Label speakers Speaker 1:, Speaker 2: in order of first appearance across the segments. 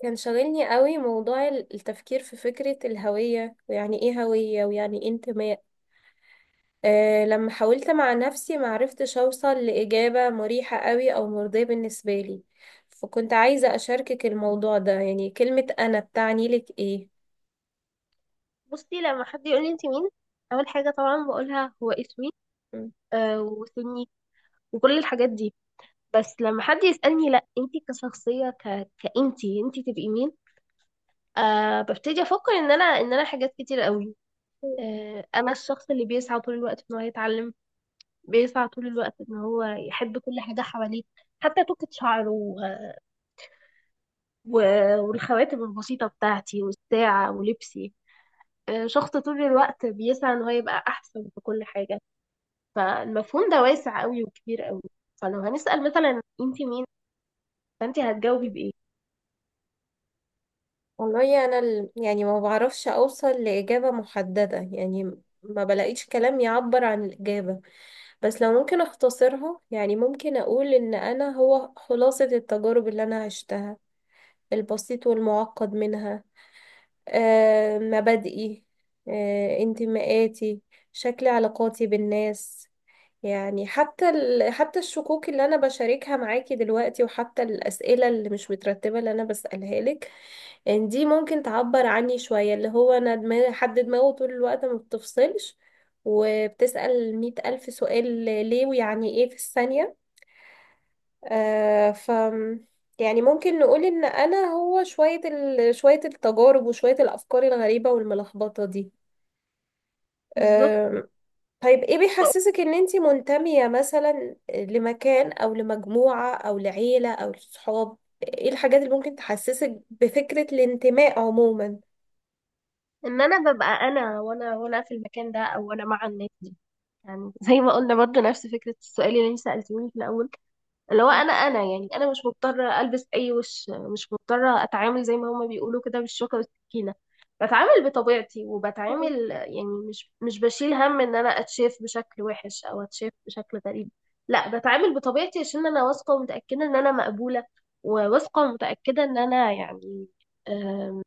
Speaker 1: كان شاغلني قوي موضوع التفكير في فكرة الهوية، ويعني ايه هوية، ويعني ايه انتماء. لما حاولت مع نفسي معرفتش اوصل لإجابة مريحة قوي او مرضية بالنسبة لي، فكنت عايزة اشاركك الموضوع ده. يعني كلمة انا بتعني لك
Speaker 2: بصي لما حد يقول لي انت مين. اول حاجه طبعا بقولها هو اسمي.
Speaker 1: ايه؟
Speaker 2: آه وسني وكل الحاجات دي. بس لما حد يسالني لا انت كشخصيه كانتي انت تبقي مين. آه ببتدي افكر ان انا ان انا حاجات كتير قوي. آه انا الشخص اللي بيسعى طول الوقت ان هو يتعلم، بيسعى طول الوقت ان هو يحب كل حاجه حواليه، حتى توكة شعره و... والخواتم البسيطه بتاعتي والساعه ولبسي. آه شخص طول الوقت بيسعى ان هو يبقى احسن في كل حاجه. فالمفهوم ده واسع قوي وكبير قوي. فلو هنسأل مثلا، انت مين؟ فانت هتجاوبي بإيه؟
Speaker 1: والله انا يعني ما بعرفش اوصل لاجابه محدده، يعني ما بلاقيش كلام يعبر عن الاجابه. بس لو ممكن اختصرها، يعني ممكن اقول ان انا هو خلاصه التجارب اللي انا عشتها، البسيط والمعقد منها. مبادئي، انتماءاتي، شكل علاقاتي بالناس. يعني حتى حتى الشكوك اللي انا بشاركها معاكي دلوقتي، وحتى الاسئله اللي مش مترتبه اللي انا بسالها لك. ان دي ممكن تعبر عني شوية، اللي هو انا دماغي، حد دماغه طول الوقت ما بتفصلش وبتسأل مية ألف سؤال، ليه، ويعني ايه في الثانية. آه ف يعني ممكن نقول ان انا هو شوية شوية التجارب وشوية الافكار الغريبة والملخبطة دي.
Speaker 2: بالظبط،
Speaker 1: آه طيب، ايه بيحسسك ان انتي منتمية مثلا لمكان او لمجموعة او لعيلة او لصحاب؟ ايه الحاجات اللي ممكن تحسسك بفكرة الانتماء عموما؟
Speaker 2: ان انا ببقى انا وانا وانا في المكان ده او انا مع الناس دي. يعني زي ما قلنا برضو نفس فكرة السؤال اللي انت سألتيهولي في الاول، اللي هو انا يعني انا مش مضطره البس اي وش، مش مضطره اتعامل زي ما هما بيقولوا كده بالشوكه والسكينه. بتعامل بطبيعتي وبتعامل يعني مش بشيل هم ان انا اتشاف بشكل وحش او اتشاف بشكل غريب. لا بتعامل بطبيعتي عشان انا واثقه ومتاكده ان انا مقبوله، وواثقه ومتاكده ان انا يعني، آم،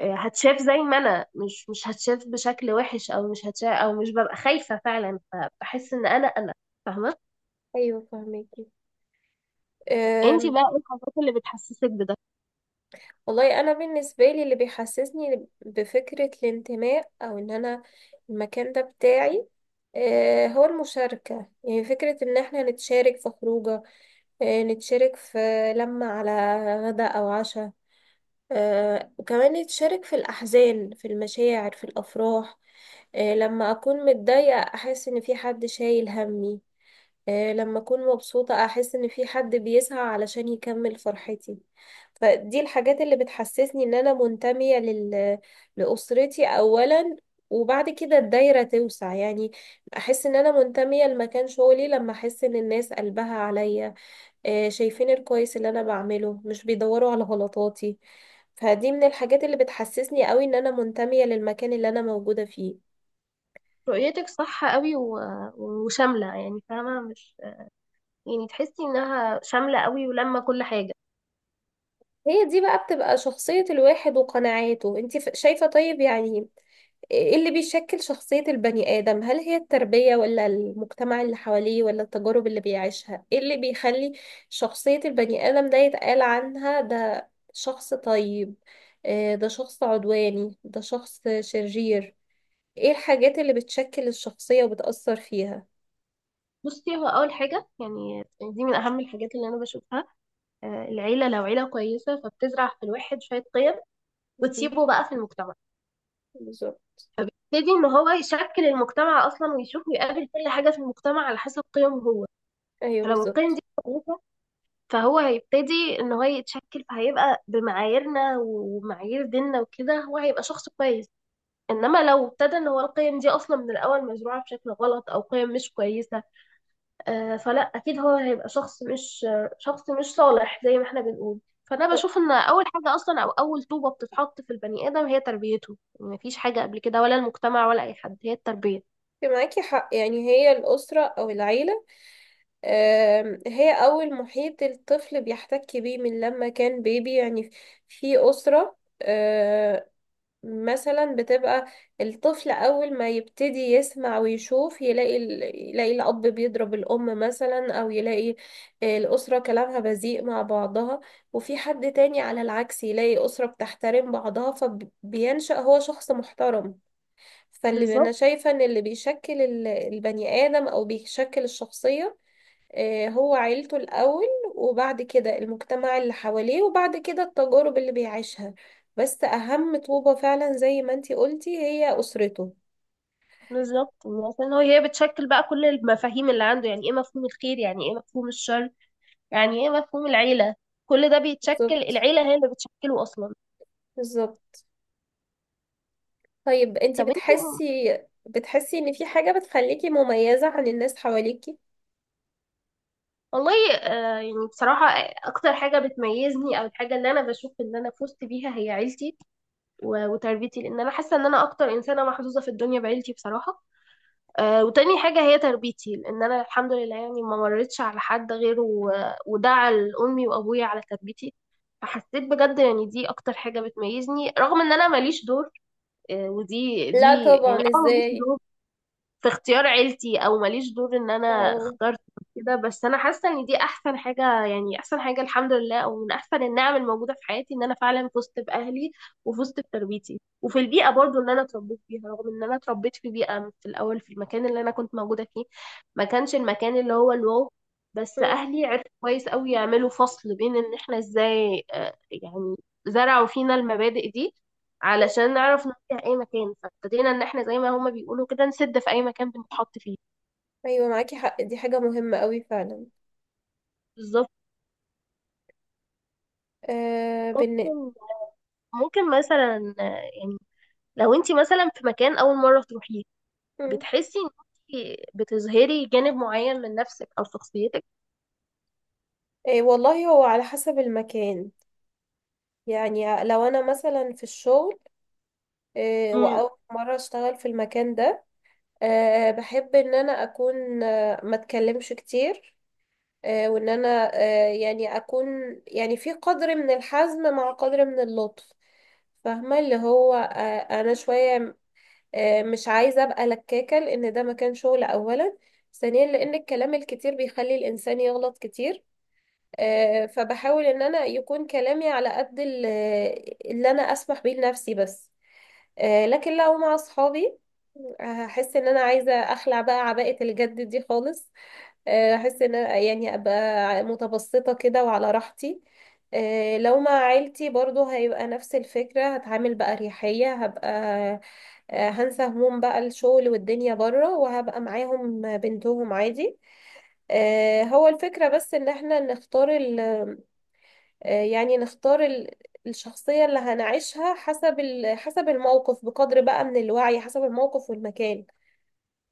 Speaker 2: هتشاف زي ما انا مش هتشاف بشكل وحش او مش هتشاف او مش ببقى خايفه فعلا. فبحس ان انا انا فاهمه.
Speaker 1: ايوه، فهميكي.
Speaker 2: انتي
Speaker 1: أم،
Speaker 2: بقى ايه الحاجات اللي بتحسسك بده؟
Speaker 1: والله انا بالنسبه لي اللي بيحسسني بفكره الانتماء او ان انا المكان ده بتاعي، هو المشاركه. يعني فكره ان احنا نتشارك في خروجه، نتشارك في لمه على غدا او عشاء. وكمان نتشارك في الاحزان، في المشاعر، في الافراح. لما اكون متضايقه احس ان في حد شايل همي. لما أكون مبسوطة أحس إن في حد بيسعى علشان يكمل فرحتي. فدي الحاجات اللي بتحسسني إن أنا منتمية لأسرتي أولا، وبعد كده الدايرة توسع. يعني أحس إن أنا منتمية لمكان شغلي لما أحس إن الناس قلبها عليا، شايفين الكويس اللي أنا بعمله، مش بيدوروا على غلطاتي. فدي من الحاجات اللي بتحسسني قوي إن أنا منتمية للمكان اللي أنا موجودة فيه.
Speaker 2: رؤيتك صح قوي وشاملة، يعني فاهمة مش، يعني تحسي انها شاملة قوي ولما كل حاجة.
Speaker 1: هي دي بقى بتبقى شخصية الواحد وقناعاته. انت شايفة، طيب، يعني ايه اللي بيشكل شخصية البني آدم؟ هل هي التربية، ولا المجتمع اللي حواليه، ولا التجارب اللي بيعيشها؟ ايه اللي بيخلي شخصية البني آدم ده يتقال عنها ده شخص طيب، ده شخص عدواني، ده شخص شرير؟ ايه الحاجات اللي بتشكل الشخصية وبتأثر فيها؟
Speaker 2: بصي هو اول حاجة يعني، دي من اهم الحاجات اللي انا بشوفها، آه، العيلة لو عيلة كويسة فبتزرع في الواحد شوية قيم
Speaker 1: مهم.
Speaker 2: وتسيبه بقى في المجتمع.
Speaker 1: بالظبط.
Speaker 2: يبتدي ان هو يشكل المجتمع اصلا ويشوف ويقابل كل حاجة في المجتمع على حسب قيمه هو.
Speaker 1: ايوه،
Speaker 2: فلو القيم
Speaker 1: بالظبط.
Speaker 2: دي كويسة فهو هيبتدي ان هو يتشكل، فهيبقى بمعاييرنا ومعايير ديننا وكده هو هيبقى شخص كويس. انما لو ابتدى ان هو القيم دي اصلا من الاول مزروعه بشكل غلط او قيم مش كويسه، آه، فلا اكيد هو هيبقى شخص مش، شخص مش صالح زي ما احنا بنقول. فانا
Speaker 1: أه،
Speaker 2: بشوف ان اول حاجه اصلا او اول طوبه بتتحط في البني ادم هي تربيته. يعني مفيش حاجه قبل كده ولا المجتمع ولا اي حد، هي التربيه.
Speaker 1: معاكي حق. يعني هي الأسرة أو العيلة، هي أول محيط الطفل بيحتك بيه من لما كان بيبي. يعني في أسرة، مثلا بتبقى، الطفل أول ما يبتدي يسمع ويشوف يلاقي يلاقي الأب بيضرب الأم مثلا، أو يلاقي الأسرة كلامها بذيء مع بعضها. وفي حد تاني على العكس يلاقي أسرة بتحترم بعضها فبينشأ هو شخص محترم. فاللي أنا
Speaker 2: بالظبط.
Speaker 1: شايفة إن اللي بيشكل البني آدم أو بيشكل الشخصية، هو عيلته الأول، وبعد كده المجتمع اللي حواليه، وبعد كده التجارب اللي بيعيشها. بس أهم طوبة فعلا زي ما انتي قلتي هي أسرته.
Speaker 2: بالظبط عشان هو هي بتشكل بقى كل المفاهيم اللي عنده. يعني ايه مفهوم الخير، يعني ايه مفهوم الشر، يعني ايه مفهوم العيله، كل ده بيتشكل.
Speaker 1: بالظبط.
Speaker 2: العيله هي اللي بتشكله اصلا.
Speaker 1: بالظبط. طيب انتي
Speaker 2: طب انت.
Speaker 1: بتحسي ان في حاجة بتخليكي مميزة عن الناس حواليكي؟
Speaker 2: والله آه، يعني بصراحة آه، أكتر حاجة بتميزني أو الحاجة اللي أنا بشوف إن أنا فزت بيها هي عيلتي وتربيتي، لأن أنا حاسة إن أنا أكتر إنسانة محظوظة في الدنيا بعيلتي بصراحة. آه، وتاني حاجة هي تربيتي، لأن أنا الحمد لله يعني ما مريتش على حد غيره ودعا لأمي وأبويا على تربيتي. فحسيت بجد يعني دي أكتر حاجة بتميزني رغم إن أنا ماليش دور. آه، ودي
Speaker 1: لا
Speaker 2: دي يعني
Speaker 1: طبعا،
Speaker 2: أنا ماليش
Speaker 1: ازاي.
Speaker 2: دور في اختيار عيلتي، او ماليش دور ان انا
Speaker 1: اه.
Speaker 2: اخترت كده. بس انا حاسه ان دي احسن حاجه، يعني احسن حاجه الحمد لله، او من احسن النعم الموجوده في حياتي ان انا فعلا فزت باهلي وفزت بتربيتي وفي البيئه برضو اللي انا اتربيت فيها. رغم ان انا اتربيت في بيئه في الاول، في المكان اللي انا كنت موجوده فيه ما كانش المكان اللي هو الواو، بس
Speaker 1: مم.
Speaker 2: اهلي عرفوا كويس قوي يعملوا فصل بين ان احنا ازاي، آه، يعني زرعوا فينا المبادئ دي علشان نعرف نوديها اي مكان. فابتدينا ان احنا زي ما هما بيقولوا كده نسد في اي مكان بنتحط فيه.
Speaker 1: ايوه، معاكي حق، دي حاجة مهمة قوي فعلا.
Speaker 2: بالظبط.
Speaker 1: آه بالن...
Speaker 2: ممكن ممكن مثلا آه، يعني لو انت مثلا في مكان اول مره تروحيه،
Speaker 1: مم.
Speaker 2: بتحسي ان انت بتظهري جانب معين من نفسك او شخصيتك؟
Speaker 1: والله هو على حسب المكان. يعني لو انا مثلا في الشغل،
Speaker 2: امم.
Speaker 1: وأول مرة أشتغل في المكان ده، بحب إن أنا أكون، ما أتكلمش كتير. وإن أنا يعني أكون، يعني في قدر من الحزم مع قدر من اللطف. فاهمة اللي هو، أنا شوية، مش عايزة أبقى لكاكة، لأن ده مكان شغل أولا، ثانيا لأن الكلام الكتير بيخلي الإنسان يغلط كتير. فبحاول إن أنا يكون كلامي على قد اللي أنا أسمح بيه لنفسي بس. لكن لو مع أصحابي هحس ان انا عايزه اخلع بقى عباءه الجد دي خالص. هحس ان أنا يعني ابقى متبسطه كده وعلى راحتي. لو مع عيلتي برضو هيبقى نفس الفكره، هتعامل بقى اريحيه هبقى. هنسى هموم بقى الشغل والدنيا بره، وهبقى معاهم بنتهم عادي. هو الفكره بس ان احنا نختار ال آه، يعني نختار الشخصيه اللي هنعيشها حسب حسب الموقف، بقدر بقى من الوعي، حسب الموقف والمكان.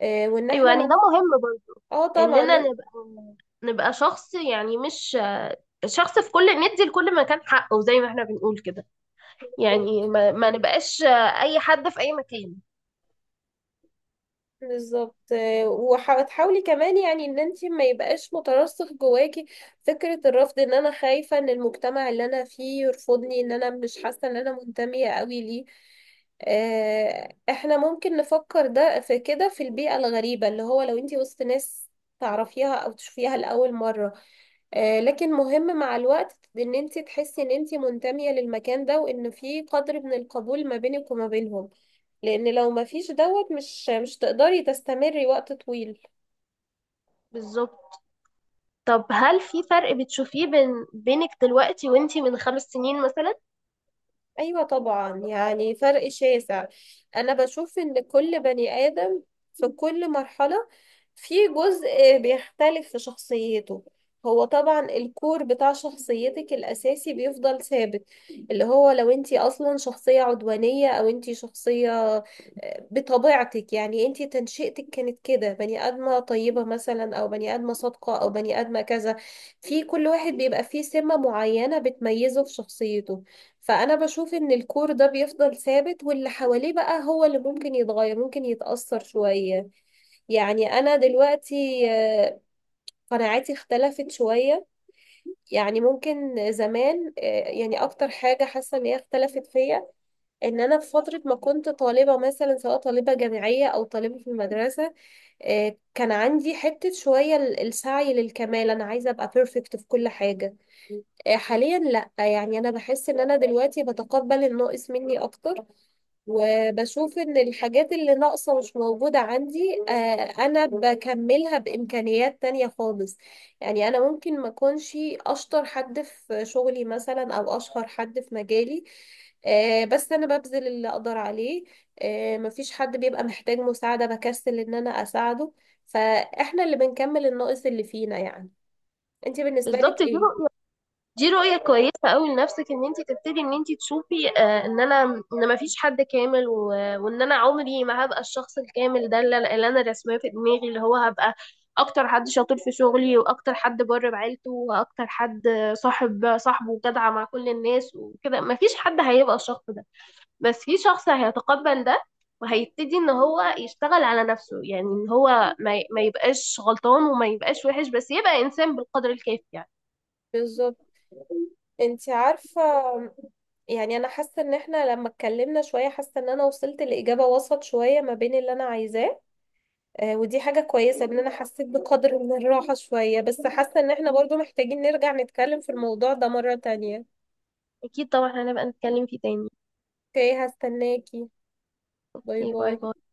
Speaker 1: وان
Speaker 2: ايوه
Speaker 1: احنا
Speaker 2: يعني ده
Speaker 1: ما.
Speaker 2: مهم برضه،
Speaker 1: اه،
Speaker 2: اننا
Speaker 1: طبعا.
Speaker 2: نبقى، نبقى شخص يعني مش آه، شخص في كل ندي لكل مكان حقه زي ما احنا بنقول كده. يعني
Speaker 1: بالظبط.
Speaker 2: ما نبقاش آه، اي حد في اي مكان.
Speaker 1: بالظبط. وتحاولي كمان يعني ان انت ما يبقاش مترسخ جواكي فكرة الرفض، ان انا خايفة ان المجتمع اللي انا فيه يرفضني، ان انا مش حاسة ان انا منتمية قوي ليه. احنا ممكن نفكر ده في كده في البيئة الغريبة، اللي هو لو انت وسط ناس تعرفيها او تشوفيها لأول مرة. لكن مهم مع الوقت ان انت تحسي ان انت منتمية للمكان ده، وان في قدر من القبول ما بينك وما بينهم، لان لو ما فيش دوت مش تقدري تستمري وقت طويل.
Speaker 2: بالظبط. طب هل في فرق بتشوفيه بين بينك دلوقتي وانتي من 5 سنين مثلا؟
Speaker 1: أيوة طبعا، يعني فرق شاسع. أنا بشوف إن كل بني آدم في كل مرحلة في جزء بيختلف في شخصيته. هو طبعا الكور بتاع شخصيتك الأساسي بيفضل ثابت، اللي هو لو انتي أصلا شخصية عدوانية أو انتي شخصية، بطبيعتك، يعني انتي تنشئتك كانت كده، بني آدمة طيبة مثلا، أو بني آدمة صادقة، أو بني آدمة كذا. في كل واحد بيبقى فيه سمة معينة بتميزه في شخصيته. فأنا بشوف إن الكور ده بيفضل ثابت، واللي حواليه بقى هو اللي ممكن يتغير، ممكن يتأثر شوية. يعني أنا دلوقتي، قناعاتي اختلفت شوية. يعني ممكن زمان، يعني أكتر حاجة حاسة إن هي اختلفت فيا، إن أنا في فترة ما كنت طالبة مثلا، سواء طالبة جامعية أو طالبة في المدرسة. كان عندي حتة شوية السعي للكمال، أنا عايزة أبقى بيرفكت في كل حاجة. حاليا لأ، يعني أنا بحس إن أنا دلوقتي بتقبل الناقص مني أكتر، وبشوف ان الحاجات اللي ناقصة مش موجودة عندي. انا بكملها بامكانيات تانية خالص. يعني انا ممكن ما اكونش اشطر حد في شغلي مثلا او اشهر حد في مجالي، بس انا ببذل اللي اقدر عليه. مفيش حد بيبقى محتاج مساعدة بكسل ان انا اساعده. فاحنا اللي بنكمل الناقص اللي فينا يعني. انت بالنسبة لك
Speaker 2: بالظبط، دي
Speaker 1: ايه؟
Speaker 2: رؤية دي رؤية كويسة قوي لنفسك، ان انتي تبتدي ان انتي تشوفي آه ان انا، ان ما فيش حد كامل وان انا عمري ما هبقى الشخص الكامل ده اللي انا رسماه في دماغي، اللي هو هبقى اكتر حد شاطر في شغلي واكتر حد بر بعيلته واكتر حد صاحب صاحبه جدع مع كل الناس وكده. ما فيش حد هيبقى الشخص ده، بس في شخص هيتقبل ده وهيبتدي ان هو يشتغل على نفسه، يعني ان هو ما يبقاش غلطان وما يبقاش وحش، بس يبقى انسان بالقدر الكافي يعني.
Speaker 1: بالظبط. انت عارفة، يعني انا حاسة ان احنا لما اتكلمنا شوية، حاسة ان انا وصلت لإجابة وسط شوية ما بين اللي انا عايزاه. ودي حاجة كويسة، ان انا حسيت بقدر من الراحة شوية، بس حاسة ان احنا برضو محتاجين نرجع نتكلم في الموضوع ده مرة تانية.
Speaker 2: اكيد طبعا هنبقى نتكلم فيه تاني.
Speaker 1: اوكي، هستناكي. باي
Speaker 2: اوكي باي
Speaker 1: باي.
Speaker 2: باي.